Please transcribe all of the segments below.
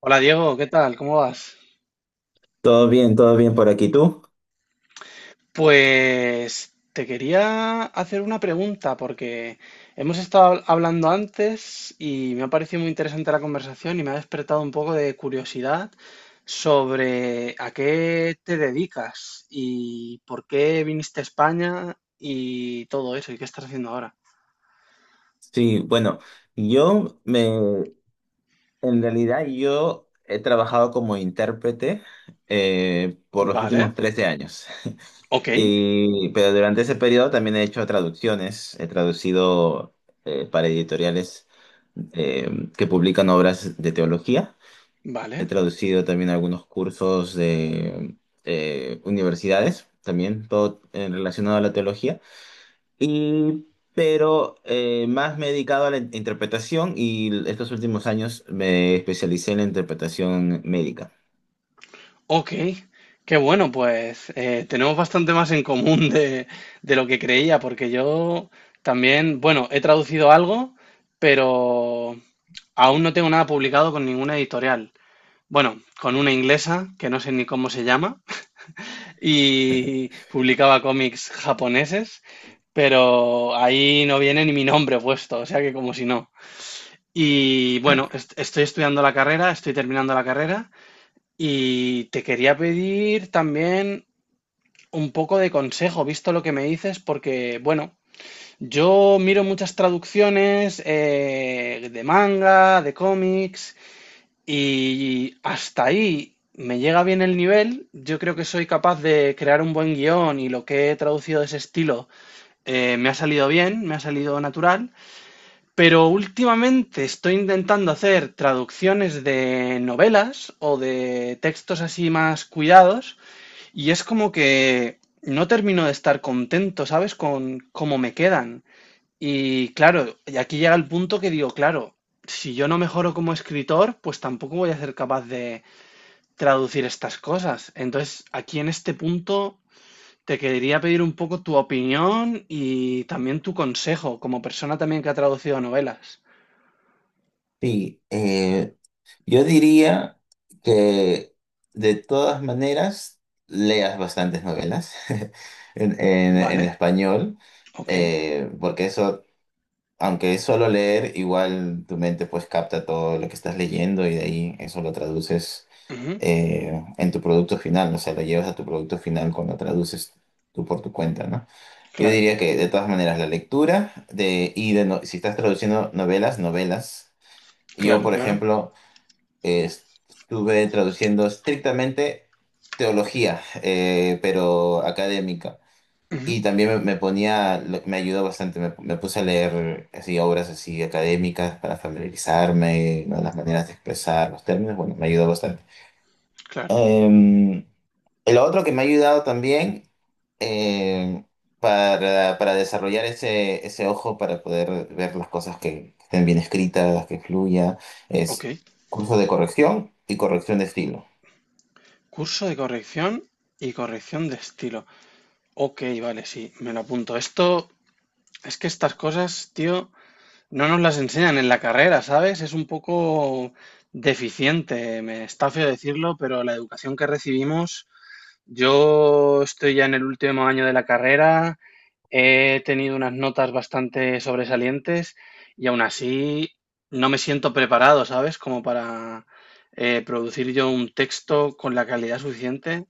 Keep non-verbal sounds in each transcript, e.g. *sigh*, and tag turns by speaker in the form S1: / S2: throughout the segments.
S1: Hola Diego, ¿qué tal? ¿Cómo vas?
S2: Todo bien por aquí. ¿Tú?
S1: Pues te quería hacer una pregunta porque hemos estado hablando antes y me ha parecido muy interesante la conversación y me ha despertado un poco de curiosidad sobre a qué te dedicas y por qué viniste a España y todo eso y qué estás haciendo ahora.
S2: Sí, bueno, yo me, en realidad yo he trabajado como intérprete por los
S1: Vale,
S2: últimos 13 años. *laughs*
S1: ok,
S2: Pero durante ese periodo también he hecho traducciones, he traducido para editoriales que publican obras de teología, he
S1: vale.
S2: traducido también algunos cursos de universidades, también todo relacionado a la teología, y, pero más me he dedicado a la interpretación, y estos últimos años me especialicé en la interpretación médica.
S1: Ok, qué bueno, pues tenemos bastante más en común de lo que creía, porque yo también, bueno, he traducido algo, pero aún no tengo nada publicado con ninguna editorial. Bueno, con una inglesa, que no sé ni cómo se llama, *laughs* y publicaba cómics japoneses, pero ahí no viene ni mi nombre puesto, o sea que como si no. Y bueno,
S2: Ok.
S1: estoy estudiando la carrera, estoy terminando la carrera. Y te quería pedir también un poco de consejo, visto lo que me dices, porque, bueno, yo miro muchas traducciones de manga, de cómics, y hasta ahí me llega bien el nivel. Yo creo que soy capaz de crear un buen guión y lo que he traducido de ese estilo me ha salido bien, me ha salido natural, pero últimamente estoy intentando hacer traducciones de novelas o de textos así más cuidados y es como que no termino de estar contento, ¿sabes? Con cómo me quedan. Y claro, y aquí llega el punto que digo, claro, si yo no mejoro como escritor, pues tampoco voy a ser capaz de traducir estas cosas. Entonces, aquí en este punto te quería pedir un poco tu opinión y también tu consejo como persona también que ha traducido novelas.
S2: Sí, yo diría que de todas maneras leas bastantes novelas *laughs* en
S1: ¿Vale?
S2: español,
S1: Ok.
S2: porque eso, aunque es solo leer, igual tu mente pues capta todo lo que estás leyendo, y de ahí eso lo traduces
S1: Ujú.
S2: en tu producto final. O sea, lo llevas a tu producto final cuando traduces tú por tu cuenta, ¿no? Yo
S1: Claro,
S2: diría que de todas maneras la lectura y de no- si estás traduciendo novelas, novelas. Yo,
S1: claro,
S2: por
S1: claro.
S2: ejemplo, estuve traduciendo estrictamente teología, pero académica.
S1: Ujú.
S2: Y también me ponía, me ayudó bastante, me puse a leer así, obras así académicas para familiarizarme, ¿no?, las maneras de expresar los términos. Bueno, me ayudó bastante.
S1: Claro.
S2: Em, lo otro que me ha ayudado también, eh, para desarrollar ese, ese ojo, para poder ver las cosas que estén bien escritas, que fluya,
S1: Ok.
S2: es cursos de corrección y corrección de estilo.
S1: Curso de corrección y corrección de estilo. Ok, vale, sí, me lo apunto. Esto es que estas cosas, tío, no nos las enseñan en la carrera, ¿sabes? Es un poco deficiente, me está feo decirlo, pero la educación que recibimos, yo estoy ya en el último año de la carrera, he tenido unas notas bastante sobresalientes y aún así no me siento preparado, ¿sabes? Como para producir yo un texto con la calidad suficiente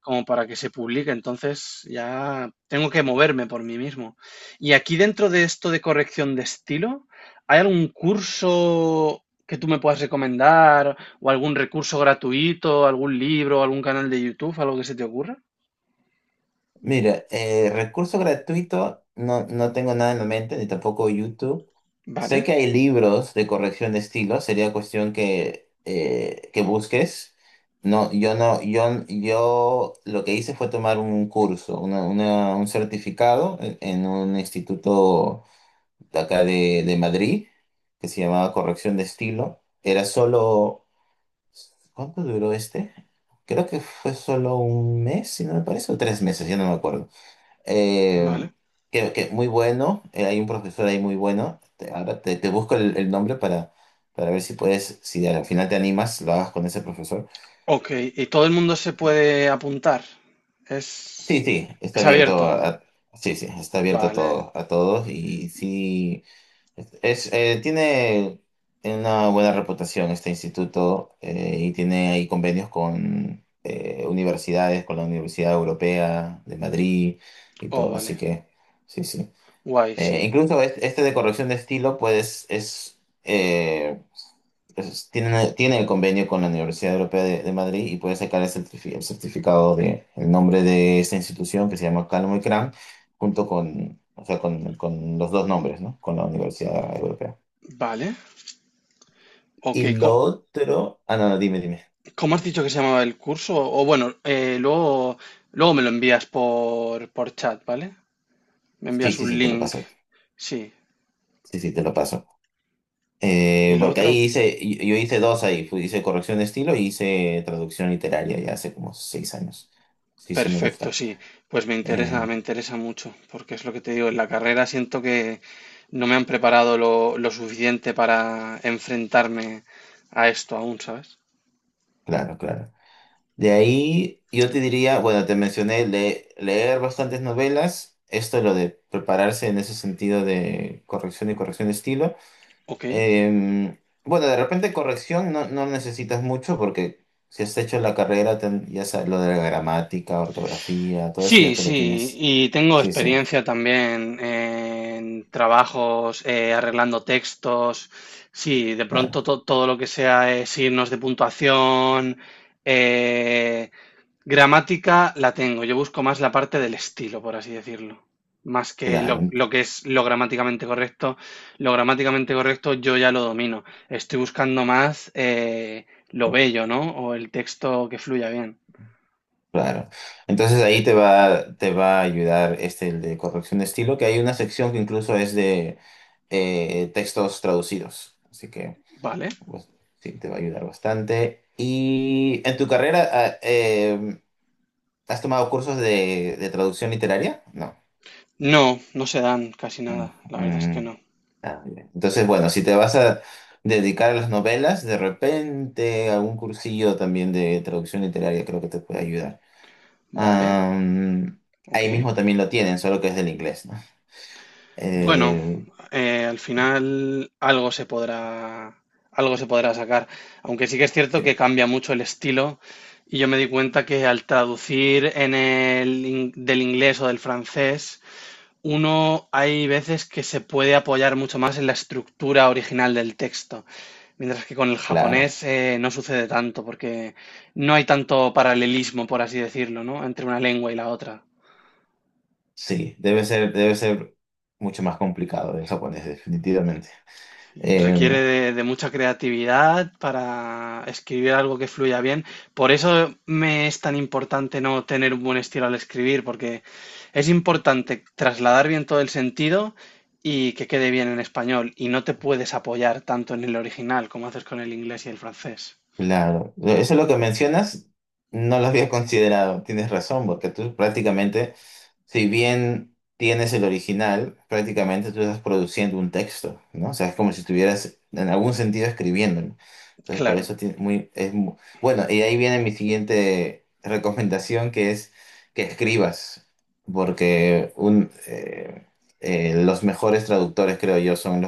S1: como para que se publique. Entonces ya tengo que moverme por mí mismo. Y aquí dentro de esto de corrección de estilo, ¿hay algún curso que tú me puedas recomendar o algún recurso gratuito, algún libro, algún canal de YouTube, algo que se te ocurra?
S2: Mira, recurso gratuito, no, no tengo nada en la mente, ni tampoco YouTube. Sé
S1: Vale,
S2: que hay libros de corrección de estilo, sería cuestión que busques. No, yo lo que hice fue tomar un curso, un certificado en un instituto de acá de Madrid, que se llamaba corrección de estilo. Era solo, ¿cuánto duró este? Creo que fue solo un mes, si no me parece, o 3 meses, ya no me acuerdo.
S1: vale.
S2: Eh, que muy bueno, hay un profesor ahí muy bueno. Ahora te busco el nombre para ver si puedes, si al final te animas, lo hagas con ese profesor.
S1: Ok, y todo el mundo se puede apuntar.
S2: Sí,
S1: Es,
S2: sí, está
S1: es
S2: abierto
S1: abierto.
S2: sí, sí, está abierto a
S1: Vale.
S2: todo, a todos, y sí, es, tiene una buena reputación este instituto, y tiene ahí convenios con universidades, con la Universidad Europea de Madrid y
S1: Oh,
S2: todo, así
S1: vale.
S2: que sí, sí.
S1: Guay, sí.
S2: Incluso este de corrección de estilo, pues, tiene el convenio con la Universidad Europea de Madrid y puede sacar el, el certificado de el nombre de esta institución que se llama Calmo y Cram, junto con, o sea, con los dos nombres, ¿no? Con la Universidad Europea.
S1: Vale. Ok,
S2: Y lo otro, ah, no, no, dime, dime.
S1: ¿cómo has dicho que se llamaba el curso? O bueno, luego, luego me lo envías por chat, ¿vale? Me
S2: Sí,
S1: envías
S2: sí,
S1: un
S2: sí, te lo
S1: link.
S2: paso.
S1: Sí.
S2: Sí, sí, te lo paso.
S1: Y lo
S2: Porque
S1: otro,
S2: ahí hice, yo hice dos ahí, hice corrección de estilo y hice traducción literaria ya hace como 6 años. Sí, sí me
S1: perfecto,
S2: gusta.
S1: sí. Pues
S2: Eh,
S1: me interesa mucho, porque es lo que te digo, en la carrera siento que no me han preparado lo suficiente para enfrentarme a esto aún, ¿sabes?
S2: claro, claro. De ahí yo te diría, bueno, te mencioné leer bastantes novelas, esto es lo de prepararse en ese sentido de corrección y corrección de estilo.
S1: Ok.
S2: Eh, bueno, de repente corrección no, no necesitas mucho, porque si has hecho la carrera, ya sabes, lo de la gramática, ortografía, todo eso ya
S1: Sí,
S2: te lo
S1: sí,
S2: tienes.
S1: y tengo
S2: Sí, sí,
S1: experiencia también en trabajos arreglando textos. Sí, de pronto
S2: claro.
S1: todo lo que sea signos de puntuación, eh, gramática, la tengo. Yo busco más la parte del estilo, por así decirlo. Más que
S2: Claro, ent-
S1: lo que es lo gramáticamente correcto. Lo gramáticamente correcto yo ya lo domino. Estoy buscando más lo bello, ¿no? O el texto que fluya bien.
S2: claro. Entonces ahí te va a ayudar este, el de corrección de estilo, que hay una sección que incluso es de textos traducidos. Así que
S1: ¿Vale?
S2: pues, sí, te va a ayudar bastante. Y en tu carrera, ah, ¿has tomado cursos de traducción literaria? No.
S1: No, no se dan casi
S2: Mm,
S1: nada, la verdad es que
S2: mm,
S1: no.
S2: ah, bien. Entonces, bueno, si te vas a dedicar a las novelas, de repente algún cursillo también de traducción literaria creo que te puede ayudar.
S1: Vale,
S2: Am,
S1: ok.
S2: ahí mismo también lo tienen, solo que es del inglés, ¿no?
S1: Bueno,
S2: Eh,
S1: al final algo se podrá sacar, aunque sí que es cierto
S2: sí,
S1: que cambia mucho el estilo y yo me di cuenta que al traducir en el, del inglés o del francés, uno hay veces que se puede apoyar mucho más en la estructura original del texto. Mientras que con el
S2: claro,
S1: japonés no sucede tanto, porque no hay tanto paralelismo, por así decirlo, ¿no? Entre una lengua y la otra.
S2: sí, debe ser mucho más complicado el japonés, definitivamente.
S1: Requiere
S2: Em,
S1: de mucha creatividad para escribir algo que fluya bien. Por eso me es tan importante no tener un buen estilo al escribir, porque es importante trasladar bien todo el sentido y que quede bien en español. Y no te puedes apoyar tanto en el original como haces con el inglés y el francés.
S2: claro, eso es lo que mencionas, no lo había considerado, tienes razón, porque tú prácticamente, si bien tienes el original, prácticamente tú estás produciendo un texto, ¿no? O sea, es como si estuvieras en algún sentido escribiéndolo. Entonces, por
S1: Claro,
S2: eso tiene muy, es bueno, y ahí viene mi siguiente recomendación, que es que escribas, porque un, los mejores traductores, creo yo, son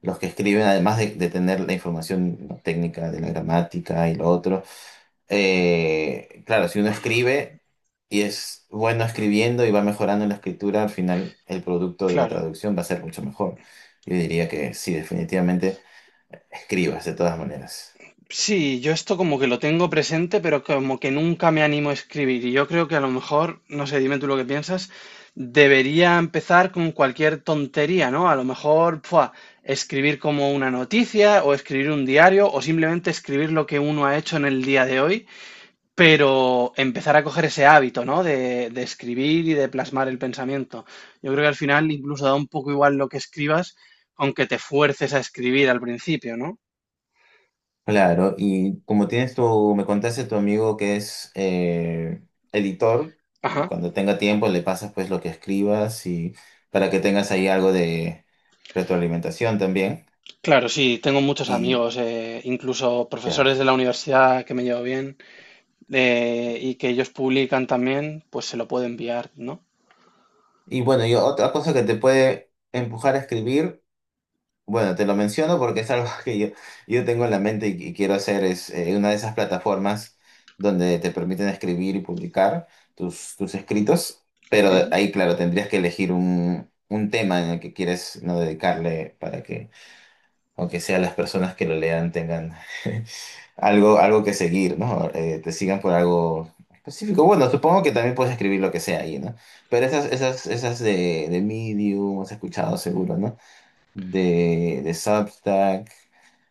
S2: los que escriben, además de tener la información técnica de la gramática y lo otro, claro, si uno escribe y es bueno escribiendo y va mejorando en la escritura, al final el producto de la
S1: claro.
S2: traducción va a ser mucho mejor. Yo diría que sí, definitivamente escribas de todas maneras.
S1: Sí, yo esto como que lo tengo presente, pero como que nunca me animo a escribir. Y yo creo que a lo mejor, no sé, dime tú lo que piensas, debería empezar con cualquier tontería, ¿no? A lo mejor, ¡fua! Escribir como una noticia o escribir un diario o simplemente escribir lo que uno ha hecho en el día de hoy, pero empezar a coger ese hábito, ¿no? De escribir y de plasmar el pensamiento. Yo creo que al final incluso da un poco igual lo que escribas, aunque te fuerces a escribir al principio, ¿no?
S2: Claro, y como tienes tu, me contaste tu amigo que es editor,
S1: Ajá.
S2: cuando tenga tiempo le pasas pues lo que escribas y para que tengas ahí algo de retroalimentación también.
S1: Claro, sí, tengo muchos
S2: Y,
S1: amigos, incluso
S2: claro.
S1: profesores de la universidad que me llevo bien y que ellos publican también, pues se lo puedo enviar, ¿no?
S2: Y bueno, y otra cosa que te puede empujar a escribir, bueno, te lo menciono porque es algo *laughs* yo tengo en la mente y quiero hacer, es una de esas plataformas donde te permiten escribir y publicar tus escritos,
S1: Ok.
S2: pero ahí, claro, tendrías que elegir un tema en el que quieres no dedicarle para que aunque sea las personas que lo lean tengan *laughs* algo que seguir, ¿no? Te sigan por algo específico. Bueno, supongo que también puedes escribir lo que sea ahí, ¿no? Pero esas de Medium, has escuchado seguro, ¿no? De Substack.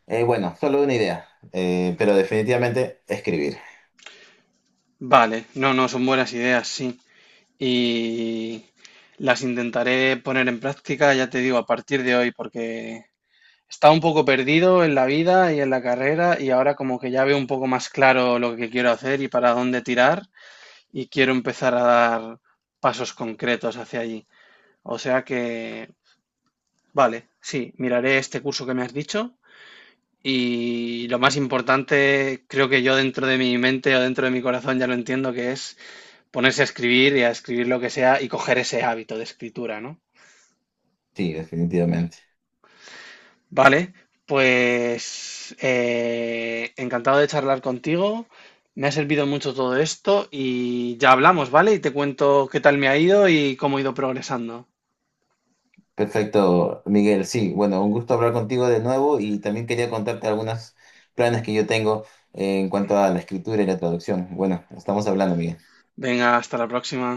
S2: Bueno, solo una idea. Pero definitivamente escribir.
S1: Vale, no, no, son buenas ideas, sí. Y las intentaré poner en práctica, ya te digo, a partir de hoy, porque estaba un poco perdido en la vida y en la carrera y ahora como que ya veo un poco más claro lo que quiero hacer y para dónde tirar y quiero empezar a dar pasos concretos hacia allí. O sea que vale, sí, miraré este curso que me has dicho y lo más importante, creo que yo dentro de mi mente o dentro de mi corazón ya lo entiendo, que es ponerse a escribir y a escribir lo que sea y coger ese hábito de escritura, ¿no?
S2: Sí, definitivamente.
S1: Vale, pues encantado de charlar contigo, me ha servido mucho todo esto y ya hablamos, ¿vale? Y te cuento qué tal me ha ido y cómo he ido progresando.
S2: Perfecto, Miguel. Sí, bueno, un gusto hablar contigo de nuevo, y también quería contarte algunos planes que yo tengo en cuanto a la escritura y la traducción. Bueno, estamos hablando, Miguel.
S1: Venga, hasta la próxima.